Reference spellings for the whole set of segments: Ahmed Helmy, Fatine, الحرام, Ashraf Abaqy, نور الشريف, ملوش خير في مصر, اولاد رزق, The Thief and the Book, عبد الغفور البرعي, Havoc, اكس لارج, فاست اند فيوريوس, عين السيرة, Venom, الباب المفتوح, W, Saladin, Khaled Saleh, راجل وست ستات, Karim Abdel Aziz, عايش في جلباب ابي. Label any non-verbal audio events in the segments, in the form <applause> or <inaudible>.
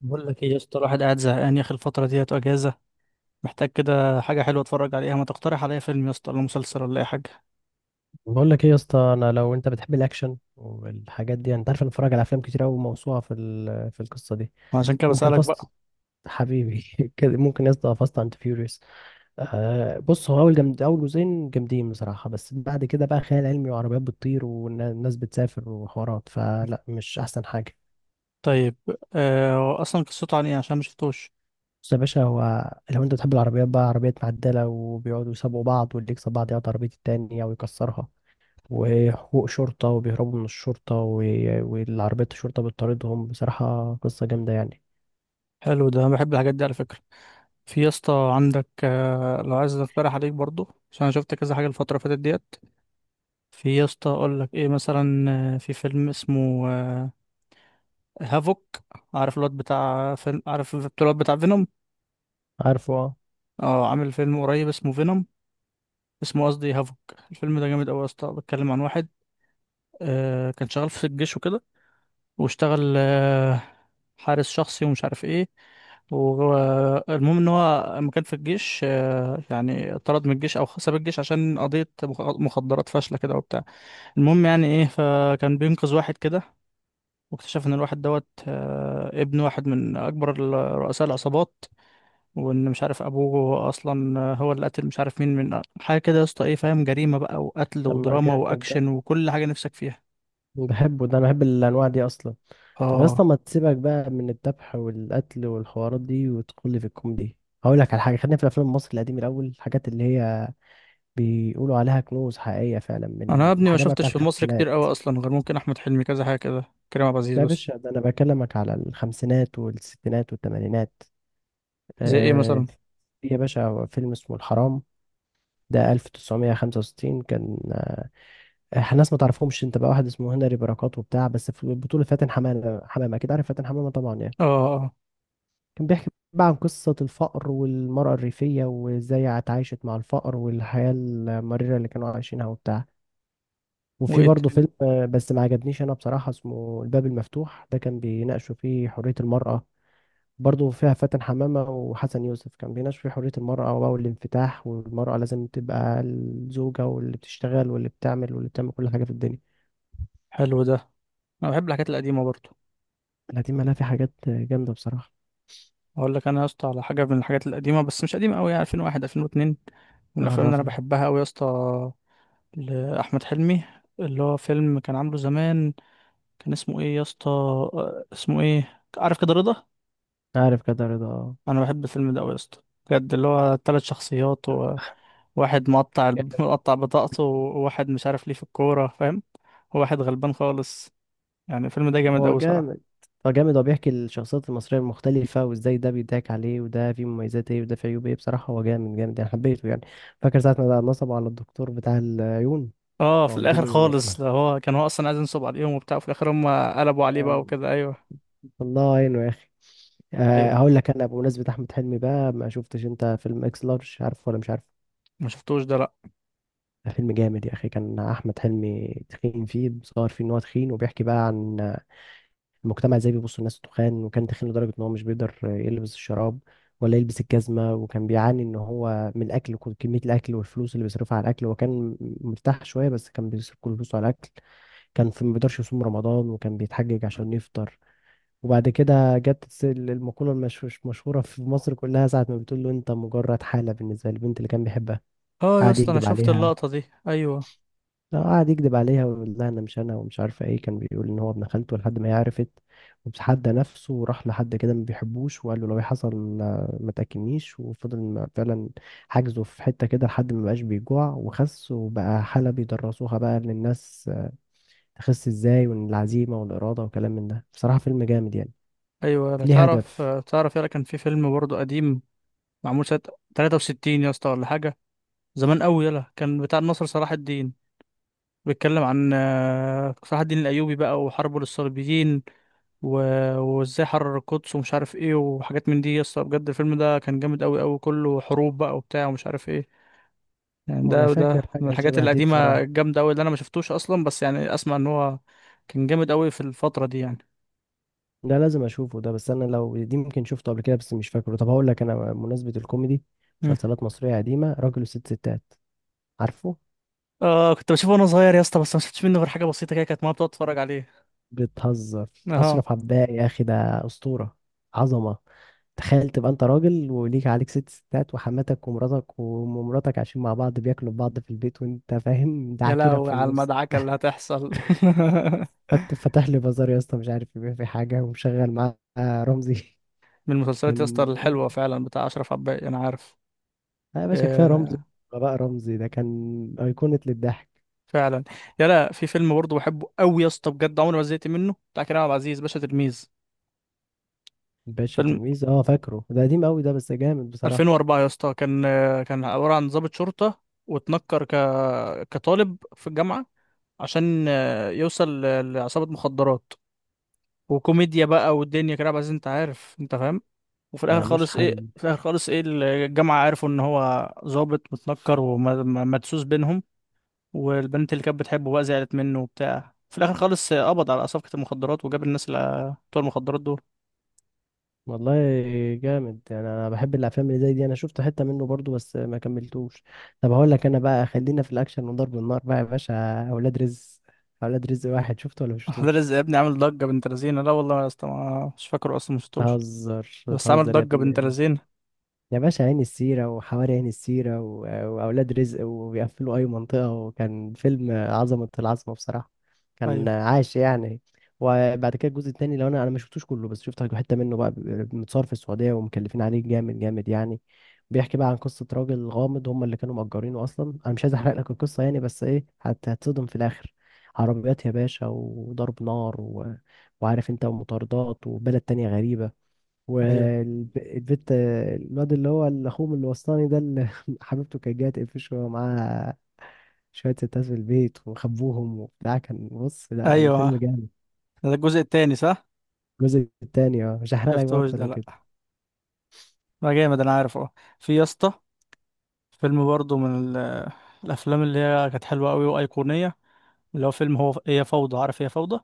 بقول لك ايه يا اسطى، الواحد قاعد زهقان يا اخي. الفترة ديت اجازة، محتاج كده حاجة حلوة اتفرج عليها. ما تقترح عليا فيلم يا اسطى ولا مسلسل ولا اي حاجة. بقول لك ايه يا اسطى، انا لو انت بتحب الاكشن والحاجات دي انت عارف انا بتفرج على افلام كتير قوي، موسوعه في القصه دي. وعشان كده ممكن بسألك بقى. فاست حبيبي <laughs> كده، ممكن يا اسطى فاست اند فيوريوس. بص، هو اول جامد، اول جزئين جامدين بصراحه، بس بعد كده بقى خيال علمي وعربيات بتطير والناس بتسافر وحوارات، فلا مش احسن حاجه. طيب، هو اصلا قصته عن ايه؟ عشان ما شفتوش. بص يا باشا، هو لو انت بتحب العربيات بقى، عربيات معدله وبيقعدوا يسابقوا بعض، واللي يكسب بعض يقعد عربيه التاني او يكسرها، وحقوق شرطة وبيهربوا من الشرطة والعربية الشرطة بتطاردهم، بصراحة قصة جامدة يعني. حلو ده، أنا بحب الحاجات دي على فكرة. في يا اسطى عندك لو عايز اقترح عليك برضو، عشان انا شفت كذا حاجة الفترة اللي فاتت ديت. في يا اسطى اقول لك ايه مثلا، في فيلم اسمه، هافوك. عارف الواد بتاع فيلم؟ عارف الواد بتاع فينوم؟ عارفه اه. اه، عامل فيلم قريب اسمه فينوم، اسمه قصدي هافوك. الفيلم ده جامد قوي يا اسطى. بيتكلم عن واحد كان شغال في الجيش وكده، واشتغل حارس شخصي ومش عارف ايه. المهم ان هو لما كان في الجيش، يعني اتطرد من الجيش او ساب الجيش عشان قضية مخدرات فاشلة كده وبتاع. المهم يعني ايه، فكان بينقذ واحد كده، واكتشف ان الواحد دوت، ابن واحد من اكبر رؤساء العصابات. وان مش عارف ابوه اصلا هو اللي قتل مش عارف مين من حاجه كده يا اسطى، ايه فاهم؟ جريمه بقى وقتل لما ودراما جامد ده، واكشن وكل حاجه نفسك فيها. بحبه ده، أنا بحب الأنواع دي أصلا. طب يا اه. اسطى، ما تسيبك بقى من الذبح والقتل والحوارات دي وتدخل لي في الكوميدي. هقول لك على حاجة، خلينا في الأفلام المصري القديم الأول، الحاجات اللي هي بيقولوا عليها كنوز حقيقية فعلا، انا يا من ابني ما الحاجات بقى شفتش بتاعت في مصر كتير الخمسينات. قوي اصلا، غير ممكن احمد حلمي كذا حاجه كده، كريم عبد العزيز ده يا بس. باشا، ده أنا بكلمك على الخمسينات والستينات والتمانينات. زي ايه آه، مثلا؟ في يا باشا فيلم اسمه الحرام، ده 1965 كان. احنا ناس ما تعرفهمش انت بقى، واحد اسمه هنري بركات وبتاع، بس في البطولة فاتن حمامة. حمامة اكيد عارف، فاتن حمامة طبعا يعني. اه. اه. كان بيحكي بقى عن قصة الفقر والمرأة الريفية وازاي اتعايشت مع الفقر والحياة المريرة اللي كانوا عايشينها وبتاع. وفي وايه برضه تاني؟ فيلم، بس ما عجبنيش انا بصراحة، اسمه الباب المفتوح، ده كان بيناقشوا فيه حرية المرأة. برضه فيها فاتن حمامة وحسن يوسف، كان بيناقش في حرية المرأة بقى والانفتاح، والمرأة لازم تبقى الزوجة واللي بتشتغل واللي بتعمل واللي بتعمل كل حاجة في الدنيا. حلو ده، انا بحب الحاجات القديمه برضه. لا دي مالها، في حاجات جامدة بصراحة. اقول لك انا يا اسطى على حاجه من الحاجات القديمه، بس مش قديمه قوي، يعني 2001 2002. من الافلام اللي انا عرفني. بحبها قوي يا اسطى، لاحمد حلمي، اللي هو فيلم كان عامله زمان. كان اسمه ايه يا اسطى؟ اسمه ايه؟ عارف كده رضا. عارف كده رضا، آه. انا بحب الفيلم ده قوي يا اسطى بجد. اللي هو ثلاث شخصيات، وواحد مقطع <laughs> مقطع بطاقته، وواحد مش عارف ليه في الكوره، فاهم؟ وواحد غلبان خالص. يعني الفيلم ده جامد هو قوي جامد، صراحه. هو جامد، هو بيحكي الشخصيات المصرية المختلفة وازاي ده بيضحك عليه وده فيه مميزات ايه وده فيه عيوب ايه، بصراحة هو جامد جامد يعني، حبيته يعني. فاكر ساعة ما بقى نصبوا على الدكتور بتاع العيون؟ اه، ما في قلت الاخر له. خالص ده، هو كان هو اصلا عايز ينصب عليهم وبتاع، وفي الاخر هم قلبوا عليه آه، بقى وكده. ايوه. الله يعينه يا أخي. ايوه. هقول لك انا بمناسبه احمد حلمي بقى، ما شفتش انت فيلم اكس لارج؟ عارفه ولا مش عارف؟ ما شفتوش ده لا. ده فيلم جامد يا اخي، كان احمد حلمي تخين فيه، بيصور فيه ان هو تخين، وبيحكي بقى عن المجتمع ازاي بيبص الناس تخان، وكان تخين لدرجه ان هو مش بيقدر يلبس الشراب ولا يلبس الجزمه، وكان بيعاني ان هو من الاكل، كميه الاكل والفلوس اللي بيصرفها على الاكل، وكان مرتاح شويه بس كان بيصرف كل فلوسه على الاكل. كان في ما بيقدرش يصوم رمضان، وكان بيتحجج عشان يفطر. وبعد كده جت المقولة مشهورة في مصر كلها، ساعة ما بتقول له أنت مجرد حالة، بالنسبة للبنت اللي كان بيحبها. اه يا قعد اسطى انا يكذب شفت عليها، اللقطه دي. ايوه. لا قعد يكذب عليها ويقول لها أنا مش أنا ومش عارفة إيه، كان بيقول إن هو ابن خالته لحد ما هي عرفت. وتحدى نفسه وراح لحد كده ما بيحبوش، وقال له لو إيه حصل ما تأكلنيش، وفضل فعلا حاجزه في حتة كده لحد ما بقاش بيجوع وخس، وبقى حالة بيدرسوها بقى للناس، تخس إزاي، والعزيمة والإرادة وكلام من ده، بصراحة فيلم جامد يعني، ايوه. انا ليه تعرف هدف. تعرف، يلا كان في فيلم برضه قديم، معمول سنه 63 يا اسطى ولا حاجه، زمان قوي. يلا كان بتاع النصر صلاح الدين. بيتكلم عن، صلاح الدين الأيوبي بقى وحربه للصليبيين، و... وازاي حرر القدس ومش عارف ايه وحاجات من دي يا اسطى. بجد الفيلم ده كان جامد قوي قوي، كله حروب بقى وبتاع ومش عارف ايه. يعني وانا ده فاكر من حاجه الحاجات شبه دي القديمة بصراحه، الجامدة قوي اللي انا ما شفتوش اصلا، بس يعني اسمع ان هو كان جامد قوي في الفترة دي يعني. ده لازم اشوفه ده، بس انا لو دي ممكن شفته قبل كده بس مش فاكره. طب هقول لك انا بمناسبه الكوميدي، مم. مسلسلات مصريه قديمه، راجل وست ستات، عارفه؟ اه كنت بشوفه وانا صغير يا اسطى، بس ما شفتش منه غير حاجة بسيطة كده، كانت ماما بتقعد تتفرج عليه. بتهزر؟ اه. اشرف عباقي يا اخي ده اسطوره، عظمه. تخيل تبقى انت راجل وليك عليك ست ستات، وحماتك ومراتك ومراتك عايشين مع بعض بياكلوا في بعض في البيت، وانت فاهم ده يا عكيرك لهوي في على النص. المدعكة اللي هتحصل. <laughs> فتح لي بازار يا اسطى، مش عارف يبيع في حاجه، ومشغل معاه رمزي. من <laughs> المسلسلات يا اسطى كان، الحلوه فعلا بتاع اشرف عباقي انا عارف. لا يا باشا كفايه رمزي. آه. بقى رمزي ده كان ايقونه للضحك. فعلا. يا لا، في فيلم برضه بحبه قوي يا اسطى بجد، عمري ما زهقت منه، بتاع كريم عبد العزيز، باشا تلميذ. باشا فيلم تلميذ، اه فاكره ده قديم قوي ده بس جامد بصراحه. 2004 يا اسطى، كان، كان عباره عن ضابط شرطه، واتنكر كطالب في الجامعه، عشان، يوصل لعصابه مخدرات. وكوميديا بقى والدنيا كريم عبد العزيز، انت عارف انت فاهم. وفي الاخر ملوش خالص ايه، حل. في الاخر خالص ايه، الجامعه عرفوا ان هو ظابط متنكر ومدسوس بينهم، والبنت اللي كانت بتحبه بقى زعلت منه وبتاع، في الاخر خالص قبض على صفقة المخدرات وجاب الناس اللي بتوع المخدرات دول. والله جامد يعني، انا بحب الافلام اللي زي دي، انا شفت حته منه برضو بس ما كملتوش. طب هقول لك انا بقى، خلينا في الاكشن وضرب النار بقى يا باشا، اولاد رزق. اولاد رزق، واحد شفته ولا <laughs> ده مشفتوش؟ رزق يا ابني عامل ضجة بنت لذينة؟ لا والله يا اسطى، مش فاكره اصلا، مش شفتوش. بتهزر بس عامل بتهزر يا ضجة بنت ابني. لذينة. يا باشا عين السيرة وحواري عين السيرة وأولاد رزق، وبيقفلوا أي منطقة، وكان فيلم عظمة العظمة بصراحة، كان ايوه. عاش يعني. وبعد كده الجزء التاني، لو أنا ما شفتوش كله بس شفت حتة منه بقى، متصور في السعودية ومكلفين عليه جامد جامد يعني. بيحكي بقى عن قصة راجل غامض، هم اللي كانوا مأجرينه أصلا، أنا مش عايز أحرق لك القصة يعني، بس إيه، هتصدم في الآخر. عربيات يا باشا وضرب نار وعارف أنت، ومطاردات، وبلد تانية غريبة، ايوه. والبت الواد اللي هو اللي اخوه من الوسطاني ده اللي <laughs> حبيبته كانت جايه تقفشه وهو معاه شويه ستات في البيت، وخبوهم وبتاع، كان بص، لا ايوه. الفيلم جامد. ده الجزء التاني صح؟ الجزء التاني اه، مش هحرق لك بقى شفتوش اكتر ده من لا. كده. ما جامد انا عارف اه. في يا اسطى فيلم برضه من الافلام اللي هي كانت حلوة قوي وايقونية، اللي هو فيلم هو، هي فوضى، عارف هي فوضى،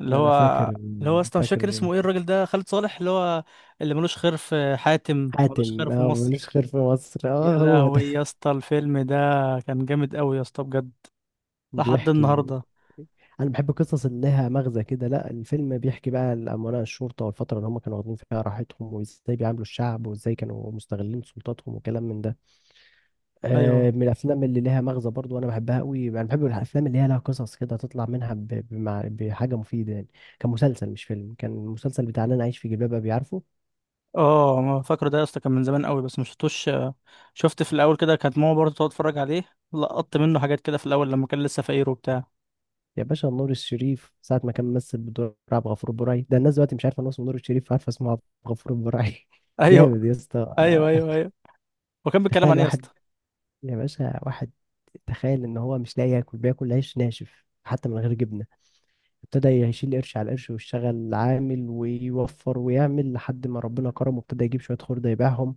اللي انا هو، فاكر، اللي هو اصلا مش فاكر فاكر، اسمه ايه، الراجل ده خالد صالح، اللي هو اللي ملوش خير في حاتم، ملوش خير حاتم في اه مصر. ملوش خير في مصر، يا اه هو ده. لهوي يا <laughs> اسطى الفيلم ده كان جامد قوي يا اسطى بجد، لحد بيحكي، النهارده. انا بحب القصص اللي لها مغزى كده. لا الفيلم بيحكي بقى الامناء الشرطه والفتره اللي هم كانوا واخدين فيها راحتهم، وازاي بيعاملوا الشعب، وازاي كانوا مستغلين سلطاتهم، وكلام من ده. ايوه. من الافلام اللي ليها مغزى برضو، وانا بحبها قوي، انا بحب الافلام اللي هي لها قصص كده تطلع منها بحاجه مفيده يعني. كان مسلسل مش فيلم، كان المسلسل بتاع اللي انا عايش في جلباب ابي، عارفه؟ اه ما فاكره ده يا اسطى، كان من زمان قوي بس ما شفتوش، شفت في الاول كده كانت ماما برضه تقعد تتفرج عليه، لقطت منه حاجات كده في الاول لما كان لسه فقير وبتاع. يا باشا نور الشريف، ساعه ما كان ممثل بدور عبد الغفور البرعي، ده الناس دلوقتي مش عارفه ان هو اسمه نور الشريف، عارفه اسمه عبد الغفور البرعي. <laughs> ايوه. جامد يا اسطى. ايوه. ايوه. ايوه. وكان بيتكلم عن تخيل ايه يا واحد، اسطى؟ يا باشا واحد، تخيل ان هو مش لاقي ياكل، بياكل عيش ناشف حتى من غير جبنه. ابتدى يشيل قرش على قرش، ويشتغل عامل ويوفر ويعمل لحد ما ربنا كرمه، ابتدى يجيب شوية خردة يبيعهم.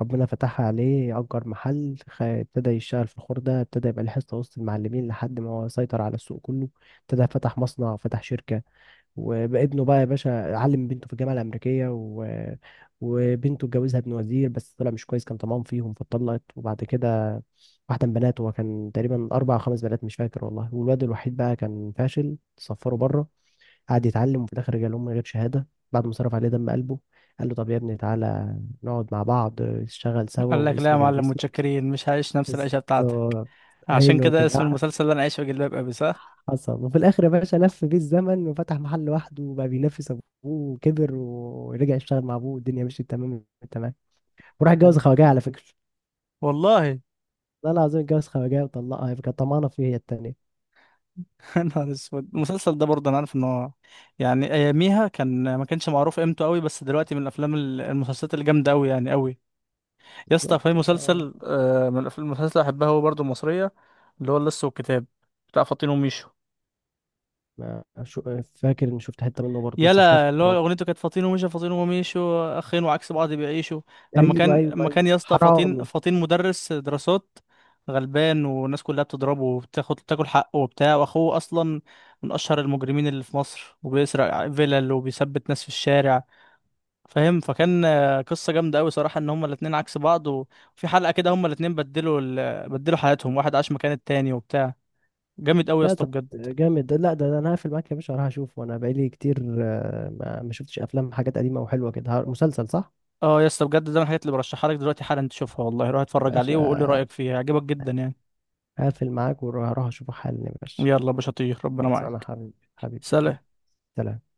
ربنا فتحها عليه، أجر محل، ابتدى يشتغل في الخردة، ابتدى يبقى ليه حصة وسط المعلمين لحد ما هو سيطر على السوق كله، ابتدى فتح مصنع، فتح شركة. وابنه بقى يا باشا، علم بنته في الجامعة الأمريكية وبنته اتجوزها ابن وزير بس طلع مش كويس، كان طمعان فيهم فاتطلقت. وبعد كده واحدة من بناته، هو كان تقريبا أربع أو خمس بنات مش فاكر والله، والواد الوحيد بقى كان فاشل، صفره بره. قعد يتعلم وفي الاخر جاله من غير شهاده، بعد ما صرف عليه دم قلبه. قال له طب يا ابني تعالى، نقعد مع بعض نشتغل سوا قال لك لا يا واسمي جنب معلم اسمك. متشكرين، مش هعيش نفس العيشه بتاعتك. بالظبط. عشان هيلو كده اسم كده المسلسل ده انا عايش في جلباب ابي، صح؟ حصل. وفي الاخر يا باشا لف بيه الزمن، وفتح محل لوحده، وبقى بينافس ابوه، وكبر ورجع يشتغل مع ابوه، والدنيا مشيت تمام، تمام. وراح اتجوز أيوة. خواجه على فكره، والله. لا العظيم، اتجوز خواجه وطلقها، كانت طمعانه فيه هي التانيه. يا نهار اسود، المسلسل ده برضه انا عارف ان هو، يعني اياميها كان ما كانش معروف قيمته قوي، بس دلوقتي من الافلام المسلسلات الجامده قوي يعني قوي. يا اسطى في بالظبط، آه. مسلسل، من المسلسلات اللي بحبها هو برضه المصريه، اللي هو اللص والكتاب، بتاع فاطين وميشو. ما شو، فاكر اني شفت حته منه برضه بس مش فاكر يلا اللي هو اهو. اغنيته كانت فاطين ومشى، فاطين ومشوا اخين وعكس بعض بيعيشوا. لما ايوه كان ايوه لما ايوه، كان يا اسطى، فاطين حرامي. فاطين مدرس دراسات غلبان، والناس كلها بتضربه وبتاخد تاكل حقه وبتاع، واخوه اصلا من اشهر المجرمين اللي في مصر، وبيسرق فيلل وبيثبت ناس في الشارع، فاهم؟ فكان، قصه جامده قوي صراحه، ان هما الاتنين عكس بعض، وفي حلقه كده هما الاتنين بدلوا بدلوا حياتهم، واحد عاش مكان التاني وبتاع. جامد قوي يا ده اسطى طب بجد. جامد ده، لا ده، انا هقفل معاك يا باشا، هروح اشوف وانا بقالي كتير، ما شفتش افلام حاجات قديمه وحلوه كده، مسلسل صح. اه يا اسطى بجد ده من الحاجات اللي برشحها لك دلوقتي حالا تشوفها، والله روح يا اتفرج عليه وقول لي باشا رأيك فيها، هيعجبك جدا يعني. هقفل معاك وهروح اشوفه حالا يا باشا. يلا يا باشا، طير، ربنا خلاص، انا معاك. حبيبي، حبيبي اخوي. سلام. سلام.